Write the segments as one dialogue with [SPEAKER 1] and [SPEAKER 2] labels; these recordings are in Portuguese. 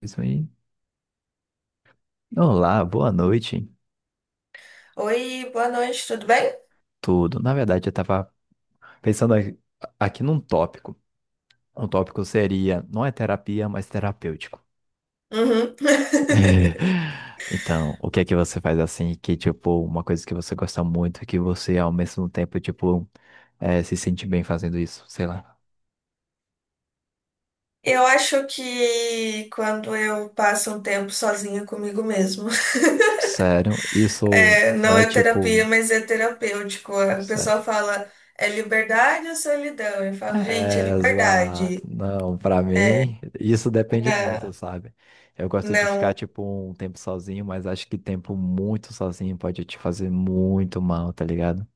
[SPEAKER 1] Isso aí. Olá, boa noite.
[SPEAKER 2] Oi, boa noite, tudo bem?
[SPEAKER 1] Tudo. Na verdade, eu estava pensando aqui num tópico. Um tópico seria, não é terapia, mas terapêutico.
[SPEAKER 2] Uhum.
[SPEAKER 1] Então, o que é que você faz assim que, tipo, uma coisa que você gosta muito, e que você ao mesmo tempo, tipo, se sente bem fazendo isso? Sei lá.
[SPEAKER 2] Eu acho que quando eu passo um tempo sozinha comigo mesmo,
[SPEAKER 1] Sério, isso
[SPEAKER 2] é,
[SPEAKER 1] não
[SPEAKER 2] não
[SPEAKER 1] é
[SPEAKER 2] é terapia,
[SPEAKER 1] tipo.
[SPEAKER 2] mas é terapêutico. O pessoal fala, é liberdade ou solidão? Eu falo, gente, é
[SPEAKER 1] É, exato.
[SPEAKER 2] liberdade.
[SPEAKER 1] Não, pra mim, isso depende
[SPEAKER 2] Não,
[SPEAKER 1] muito, sabe? Eu gosto de ficar,
[SPEAKER 2] não.
[SPEAKER 1] tipo, um tempo sozinho, mas acho que tempo muito sozinho pode te fazer muito mal, tá ligado?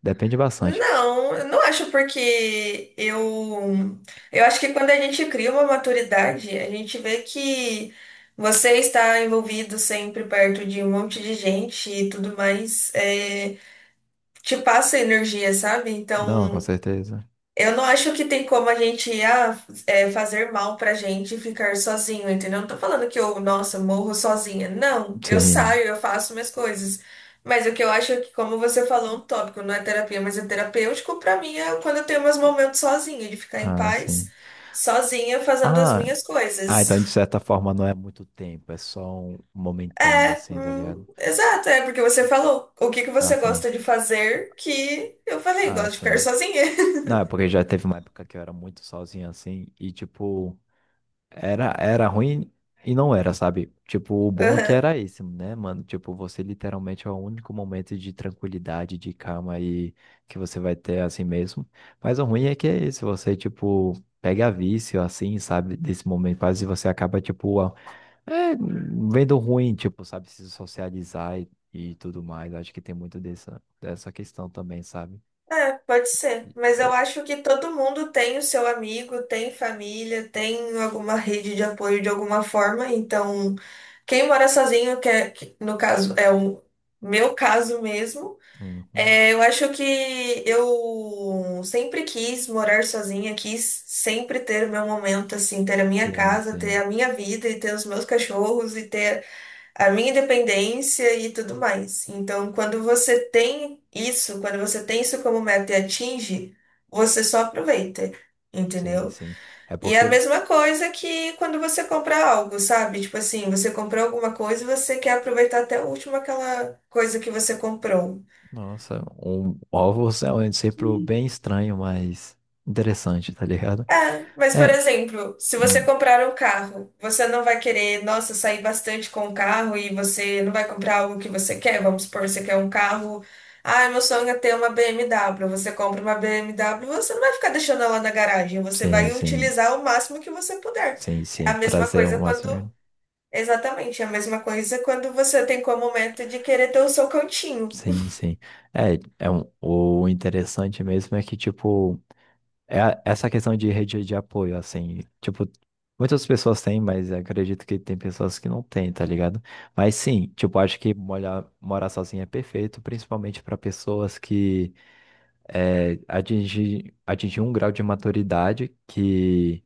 [SPEAKER 1] Depende bastante.
[SPEAKER 2] Não, eu não acho porque eu acho que quando a gente cria uma maturidade, a gente vê que você está envolvido sempre perto de um monte de gente e tudo mais, é, te passa energia, sabe?
[SPEAKER 1] Não, com
[SPEAKER 2] Então,
[SPEAKER 1] certeza.
[SPEAKER 2] eu não acho que tem como a gente ah, é, fazer mal pra gente ficar sozinho, entendeu? Não tô falando que eu, nossa, morro sozinha. Não, eu
[SPEAKER 1] Sim.
[SPEAKER 2] saio, eu faço minhas coisas. Mas o que eu acho é que, como você falou, é um tópico, não é terapia, mas é terapêutico, pra mim é quando eu tenho meus momentos sozinha, de ficar em
[SPEAKER 1] Ah,
[SPEAKER 2] paz,
[SPEAKER 1] sim.
[SPEAKER 2] sozinha, fazendo as
[SPEAKER 1] Ah,
[SPEAKER 2] minhas
[SPEAKER 1] ah, então de
[SPEAKER 2] coisas.
[SPEAKER 1] certa forma não é muito tempo, é só um momentâneo,
[SPEAKER 2] É,
[SPEAKER 1] assim, tá ligado?
[SPEAKER 2] exato, é porque você falou o que que
[SPEAKER 1] Ah,
[SPEAKER 2] você
[SPEAKER 1] sim.
[SPEAKER 2] gosta de fazer que eu falei,
[SPEAKER 1] Ah,
[SPEAKER 2] gosto de ficar
[SPEAKER 1] sim.
[SPEAKER 2] sozinha.
[SPEAKER 1] Não, é porque já teve uma época que eu era muito sozinho, assim, e, tipo. Era ruim e não era, sabe? Tipo, o bom é que
[SPEAKER 2] Aham.
[SPEAKER 1] era esse, né, mano? Tipo, você literalmente é o único momento de tranquilidade, de calma aí que você vai ter assim mesmo. Mas o ruim é que é esse, você, tipo, pega vício, assim, sabe? Desse momento quase você acaba, tipo, é, vendo ruim, tipo, sabe? Se socializar e tudo mais. Acho que tem muito dessa questão também, sabe?
[SPEAKER 2] É, pode ser.
[SPEAKER 1] E-
[SPEAKER 2] Mas eu
[SPEAKER 1] e-
[SPEAKER 2] acho que todo mundo tem o seu amigo, tem família, tem alguma rede de apoio de alguma forma. Então, quem mora sozinho, que, é, que no caso é o meu caso mesmo,
[SPEAKER 1] Uhum.
[SPEAKER 2] é, eu acho que eu sempre quis morar sozinha, quis sempre ter o meu momento, assim, ter a minha
[SPEAKER 1] Sim,
[SPEAKER 2] casa, ter
[SPEAKER 1] sim.
[SPEAKER 2] a minha vida e ter os meus cachorros e ter a minha independência e tudo mais. Então, quando você tem isso, quando você tem isso como meta e atinge, você só aproveita,
[SPEAKER 1] Sim,
[SPEAKER 2] entendeu?
[SPEAKER 1] sim. É
[SPEAKER 2] E é a
[SPEAKER 1] porque
[SPEAKER 2] mesma coisa que quando você compra algo, sabe? Tipo assim, você comprou alguma coisa e você quer aproveitar até o último aquela coisa que você comprou.
[SPEAKER 1] nossa, um ovo realmente sempre bem estranho, mas interessante, tá ligado?
[SPEAKER 2] É, mas por
[SPEAKER 1] É,
[SPEAKER 2] exemplo, se você
[SPEAKER 1] hum,
[SPEAKER 2] comprar um carro, você não vai querer, nossa, sair bastante com o carro e você não vai comprar algo que você quer. Vamos supor, você quer um carro. Ah, meu sonho é ter uma BMW. Você compra uma BMW, você não vai ficar deixando ela na garagem, você
[SPEAKER 1] sim,
[SPEAKER 2] vai
[SPEAKER 1] sim,
[SPEAKER 2] utilizar o máximo que você puder.
[SPEAKER 1] sim,
[SPEAKER 2] É
[SPEAKER 1] sim,
[SPEAKER 2] a mesma
[SPEAKER 1] trazer
[SPEAKER 2] coisa
[SPEAKER 1] um Messenger,
[SPEAKER 2] quando. Exatamente, é a mesma coisa quando você tem como meta de querer ter o seu cantinho.
[SPEAKER 1] sim, sim. É, é um, o interessante mesmo é que, tipo, essa questão de rede de apoio, assim, tipo, muitas pessoas têm, mas acredito que tem pessoas que não têm, tá ligado? Mas sim, tipo, acho que molhar, morar sozinho é perfeito, principalmente para pessoas que é, atingir um grau de maturidade que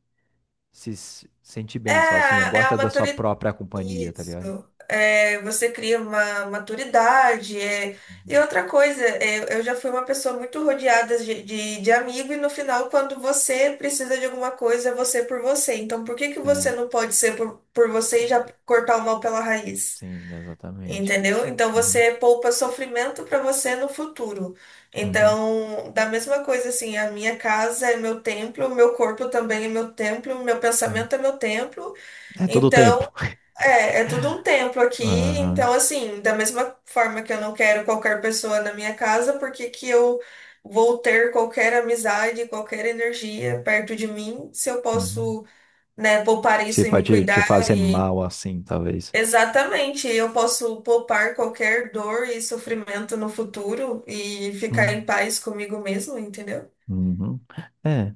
[SPEAKER 1] se s- sente
[SPEAKER 2] É,
[SPEAKER 1] bem sozinha,
[SPEAKER 2] é
[SPEAKER 1] gosta
[SPEAKER 2] a
[SPEAKER 1] da sua
[SPEAKER 2] maturidade.
[SPEAKER 1] própria companhia, tá
[SPEAKER 2] Isso.
[SPEAKER 1] ligado?
[SPEAKER 2] É, você cria uma maturidade. É. E
[SPEAKER 1] Uhum.
[SPEAKER 2] outra coisa, é, eu já fui uma pessoa muito rodeada de amigo, e no final, quando você precisa de alguma coisa, é você por você. Então, por que que você
[SPEAKER 1] É,
[SPEAKER 2] não pode ser por você e já cortar o mal pela raiz?
[SPEAKER 1] sim, exatamente.
[SPEAKER 2] Entendeu? Então,
[SPEAKER 1] Uhum,
[SPEAKER 2] você poupa sofrimento para você no futuro.
[SPEAKER 1] uhum,
[SPEAKER 2] Então, da mesma coisa, assim, a minha casa é meu templo, meu corpo também é meu templo, meu
[SPEAKER 1] uhum.
[SPEAKER 2] pensamento é meu templo.
[SPEAKER 1] É todo o
[SPEAKER 2] Então,
[SPEAKER 1] tempo.
[SPEAKER 2] é tudo um templo aqui,
[SPEAKER 1] Aham,
[SPEAKER 2] então assim, da mesma forma que eu não quero qualquer pessoa na minha casa, porque que eu vou ter qualquer amizade, qualquer energia perto de mim, se eu
[SPEAKER 1] uhum.
[SPEAKER 2] posso, né, poupar
[SPEAKER 1] Você
[SPEAKER 2] isso e me
[SPEAKER 1] pode te
[SPEAKER 2] cuidar
[SPEAKER 1] fazer
[SPEAKER 2] e
[SPEAKER 1] mal assim, talvez.
[SPEAKER 2] exatamente, eu posso poupar qualquer dor e sofrimento no futuro e ficar em
[SPEAKER 1] Uhum,
[SPEAKER 2] paz comigo mesmo, entendeu?
[SPEAKER 1] uhum. É.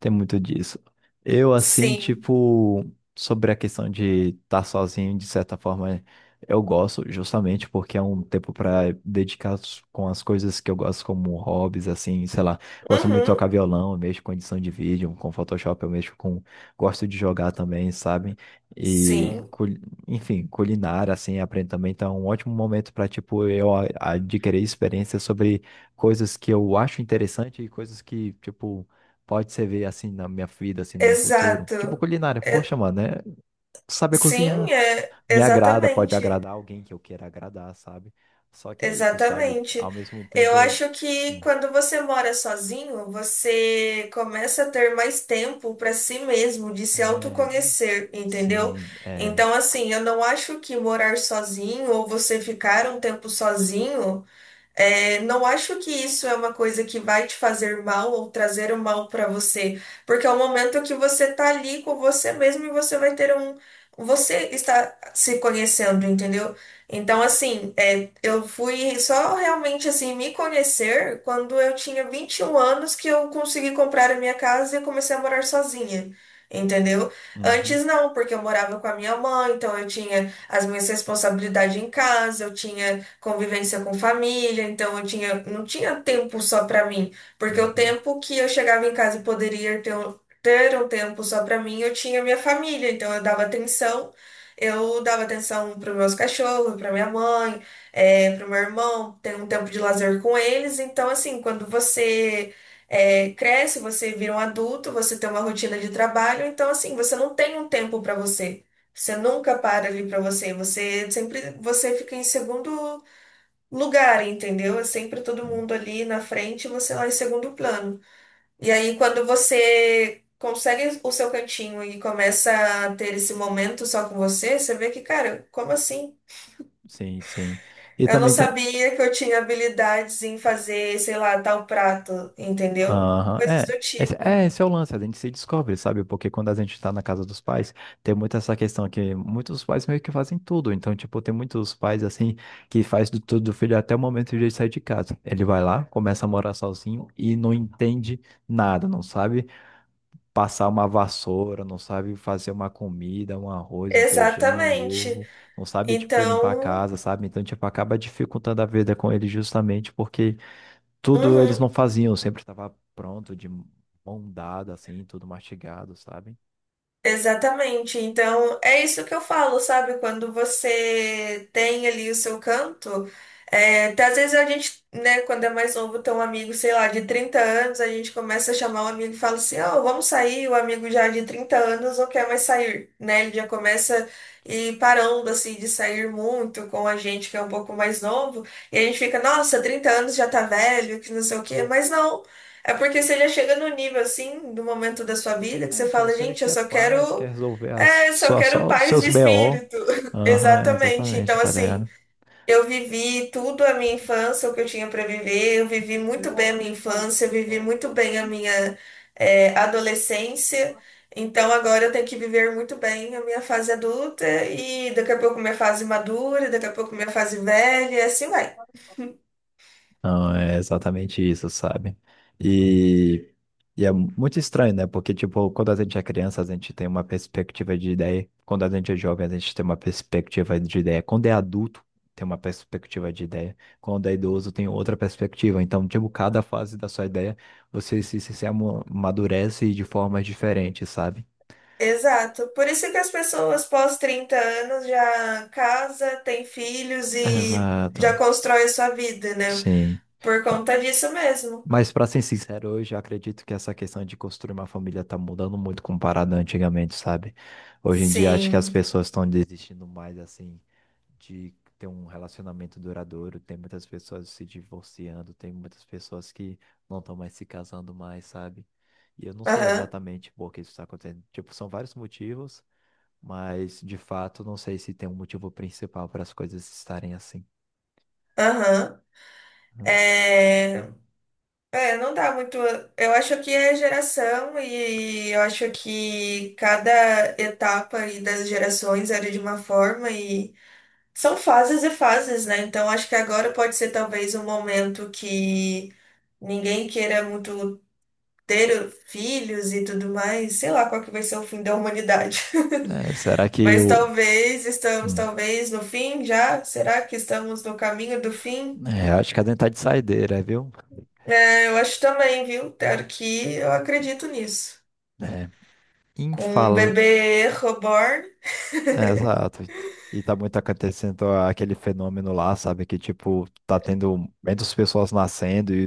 [SPEAKER 1] Tem muito disso. Eu, assim,
[SPEAKER 2] Sim.
[SPEAKER 1] tipo, sobre a questão de estar sozinho, de certa forma, eu gosto, justamente porque é um tempo para com as coisas que eu gosto, como hobbies, assim, sei lá. Gosto muito de
[SPEAKER 2] Uhum.
[SPEAKER 1] tocar violão, eu mexo com edição de vídeo, com Photoshop, eu mexo com. Gosto de jogar também, sabe? E,
[SPEAKER 2] Sim,
[SPEAKER 1] enfim, culinária, assim, aprendo também. Então, é um ótimo momento para, tipo, adquirir experiência sobre coisas que eu acho interessante e coisas que, tipo pode ser ver assim na minha vida, assim no meu futuro. Tipo
[SPEAKER 2] exato.
[SPEAKER 1] culinária, poxa,
[SPEAKER 2] É-
[SPEAKER 1] mano, né, saber cozinhar
[SPEAKER 2] sim, é
[SPEAKER 1] me agrada, pode
[SPEAKER 2] exatamente.
[SPEAKER 1] agradar alguém que eu queira agradar, sabe? Só que é isso, sabe? Ao
[SPEAKER 2] Exatamente.
[SPEAKER 1] mesmo
[SPEAKER 2] Eu
[SPEAKER 1] tempo eu
[SPEAKER 2] acho que
[SPEAKER 1] hum.
[SPEAKER 2] quando você mora sozinho, você começa a ter mais tempo para si mesmo, de se
[SPEAKER 1] É,
[SPEAKER 2] autoconhecer, entendeu?
[SPEAKER 1] sim, é,
[SPEAKER 2] Então, assim, eu não acho que morar sozinho ou você ficar um tempo sozinho. É, não acho que isso é uma coisa que vai te fazer mal ou trazer o mal para você, porque é o momento que você tá ali com você mesmo e você vai ter um. Você está se conhecendo, entendeu? Então, assim, é, eu fui só realmente assim me conhecer quando eu tinha 21 anos que eu consegui comprar a minha casa e comecei a morar sozinha. Entendeu?
[SPEAKER 1] uhum,
[SPEAKER 2] Antes não, porque eu morava com a minha mãe, então eu tinha as minhas responsabilidades em casa, eu tinha convivência com família, então eu tinha, não tinha tempo só para mim, porque o
[SPEAKER 1] uhum,
[SPEAKER 2] tempo que eu chegava em casa e poderia ter, ter um tempo só para mim, eu tinha minha família, então eu dava atenção para meus cachorros, para minha mãe, é, para meu irmão, ter um tempo de lazer com eles, então assim, quando você é, cresce, você vira um adulto, você tem uma rotina de trabalho, então assim, você não tem um tempo para você. Você nunca para ali para você, você sempre você fica em segundo lugar, entendeu? É sempre todo
[SPEAKER 1] sim,
[SPEAKER 2] mundo ali na frente e você lá em segundo plano. E aí, quando você consegue o seu cantinho e começa a ter esse momento só com você, você vê que, cara, como assim?
[SPEAKER 1] sim, sim. E
[SPEAKER 2] Eu não
[SPEAKER 1] também tem
[SPEAKER 2] sabia que eu tinha habilidades em fazer, sei lá, tal prato, entendeu?
[SPEAKER 1] aham.
[SPEAKER 2] Coisas
[SPEAKER 1] É,
[SPEAKER 2] do
[SPEAKER 1] esse,
[SPEAKER 2] tipo.
[SPEAKER 1] é, esse é o lance, a gente se descobre, sabe? Porque quando a gente tá na casa dos pais, tem muito essa questão que muitos pais meio que fazem tudo. Então, tipo, tem muitos pais, assim, que faz do tudo do filho até o momento de ele sair de casa. Ele vai lá, começa a morar sozinho e não entende nada, não sabe passar uma vassoura, não sabe fazer uma comida, um arroz, um feijão, um
[SPEAKER 2] Exatamente.
[SPEAKER 1] ovo, não sabe, tipo, limpar a
[SPEAKER 2] Então,
[SPEAKER 1] casa, sabe? Então, tipo, acaba dificultando a vida com ele justamente porque tudo eles
[SPEAKER 2] uhum.
[SPEAKER 1] não faziam, sempre estava pronto, de mão dada, assim, tudo mastigado, sabe?
[SPEAKER 2] Exatamente. Então, é isso que eu falo, sabe? Quando você tem ali o seu canto, é, até às vezes a gente, né, quando é mais novo, tem um amigo, sei lá, de 30 anos, a gente começa a chamar o amigo e fala assim, ó, vamos sair, o amigo já de 30 anos não quer mais sair, né? Ele já começa e parando, assim, de sair muito com a gente que é um pouco mais novo, e a gente fica, nossa, 30 anos já tá velho, que não sei o quê, mas não. É porque você já chega no nível assim, do momento da sua vida, que
[SPEAKER 1] É
[SPEAKER 2] você
[SPEAKER 1] que
[SPEAKER 2] fala,
[SPEAKER 1] você
[SPEAKER 2] gente, eu
[SPEAKER 1] quer
[SPEAKER 2] só
[SPEAKER 1] paz, quer
[SPEAKER 2] quero,
[SPEAKER 1] resolver as,
[SPEAKER 2] é, só
[SPEAKER 1] só,
[SPEAKER 2] quero
[SPEAKER 1] só os
[SPEAKER 2] paz
[SPEAKER 1] seus
[SPEAKER 2] de
[SPEAKER 1] BO.
[SPEAKER 2] espírito.
[SPEAKER 1] Aham,
[SPEAKER 2] Exatamente.
[SPEAKER 1] exatamente,
[SPEAKER 2] Então,
[SPEAKER 1] tá
[SPEAKER 2] assim,
[SPEAKER 1] ligado?
[SPEAKER 2] eu vivi tudo a minha infância, o que eu tinha para viver, eu vivi muito bem a
[SPEAKER 1] Demora.
[SPEAKER 2] minha
[SPEAKER 1] Pô,
[SPEAKER 2] infância, eu vivi
[SPEAKER 1] ó.
[SPEAKER 2] muito bem a minha, é, adolescência. Então, agora eu tenho que viver muito bem a minha fase adulta e daqui a pouco minha fase madura, daqui a pouco minha fase velha, e assim vai.
[SPEAKER 1] Não, é exatamente isso, sabe? E, e é muito estranho, né? Porque, tipo, quando a gente é criança, a gente tem uma perspectiva de ideia. Quando a gente é jovem, a gente tem uma perspectiva de ideia. Quando é adulto, tem uma perspectiva de ideia. Quando é idoso, tem outra perspectiva. Então, tipo, cada fase da sua ideia, você se amadurece de formas diferentes, sabe?
[SPEAKER 2] Exato. Por isso que as pessoas pós 30 anos já casa, tem filhos
[SPEAKER 1] Exato.
[SPEAKER 2] e já
[SPEAKER 1] Exato.
[SPEAKER 2] constrói a sua vida, né?
[SPEAKER 1] Sim.
[SPEAKER 2] Por conta disso mesmo.
[SPEAKER 1] Mas pra ser sincero, hoje eu acredito que essa questão de construir uma família tá mudando muito comparado a antigamente, sabe? Hoje em dia acho que as
[SPEAKER 2] Sim.
[SPEAKER 1] pessoas estão desistindo mais assim de ter um relacionamento duradouro, tem muitas pessoas se divorciando, tem muitas pessoas que não estão mais se casando mais, sabe? E eu não sei
[SPEAKER 2] Aham.
[SPEAKER 1] exatamente por que isso está acontecendo. Tipo, são vários motivos, mas de fato não sei se tem um motivo principal para as coisas estarem assim.
[SPEAKER 2] Aham.
[SPEAKER 1] Hum.
[SPEAKER 2] É... É, não dá muito. Eu acho que é geração e eu acho que cada etapa aí das gerações era de uma forma e são fases e fases, né? Então acho que agora pode ser talvez um momento que ninguém queira muito ter filhos e tudo mais, sei lá qual que vai ser o fim da humanidade.
[SPEAKER 1] É, será que
[SPEAKER 2] Mas
[SPEAKER 1] eu.
[SPEAKER 2] talvez estamos, talvez no fim já. Será que estamos no caminho do fim?
[SPEAKER 1] É, acho que a dentada de saideira, viu?
[SPEAKER 2] É, eu acho também, viu? Claro que eu acredito nisso.
[SPEAKER 1] É,
[SPEAKER 2] Com um
[SPEAKER 1] infal...
[SPEAKER 2] bebê reborn,
[SPEAKER 1] É, exato. E tá muito acontecendo aquele fenômeno lá, sabe? Que, tipo, tá tendo menos pessoas nascendo e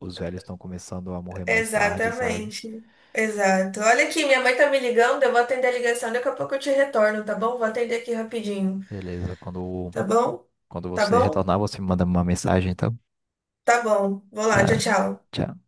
[SPEAKER 1] os velhos estão começando a morrer mais tarde, sabe?
[SPEAKER 2] exatamente. Exato. Olha aqui, minha mãe tá me ligando, eu vou atender a ligação, daqui a pouco eu te retorno, tá bom? Vou atender aqui rapidinho,
[SPEAKER 1] Beleza, quando,
[SPEAKER 2] tá bom?
[SPEAKER 1] quando
[SPEAKER 2] Tá
[SPEAKER 1] você
[SPEAKER 2] bom?
[SPEAKER 1] retornar, você me manda uma mensagem, então.
[SPEAKER 2] Tá bom. Vou lá, tchau,
[SPEAKER 1] Tá.
[SPEAKER 2] tchau.
[SPEAKER 1] Tchau.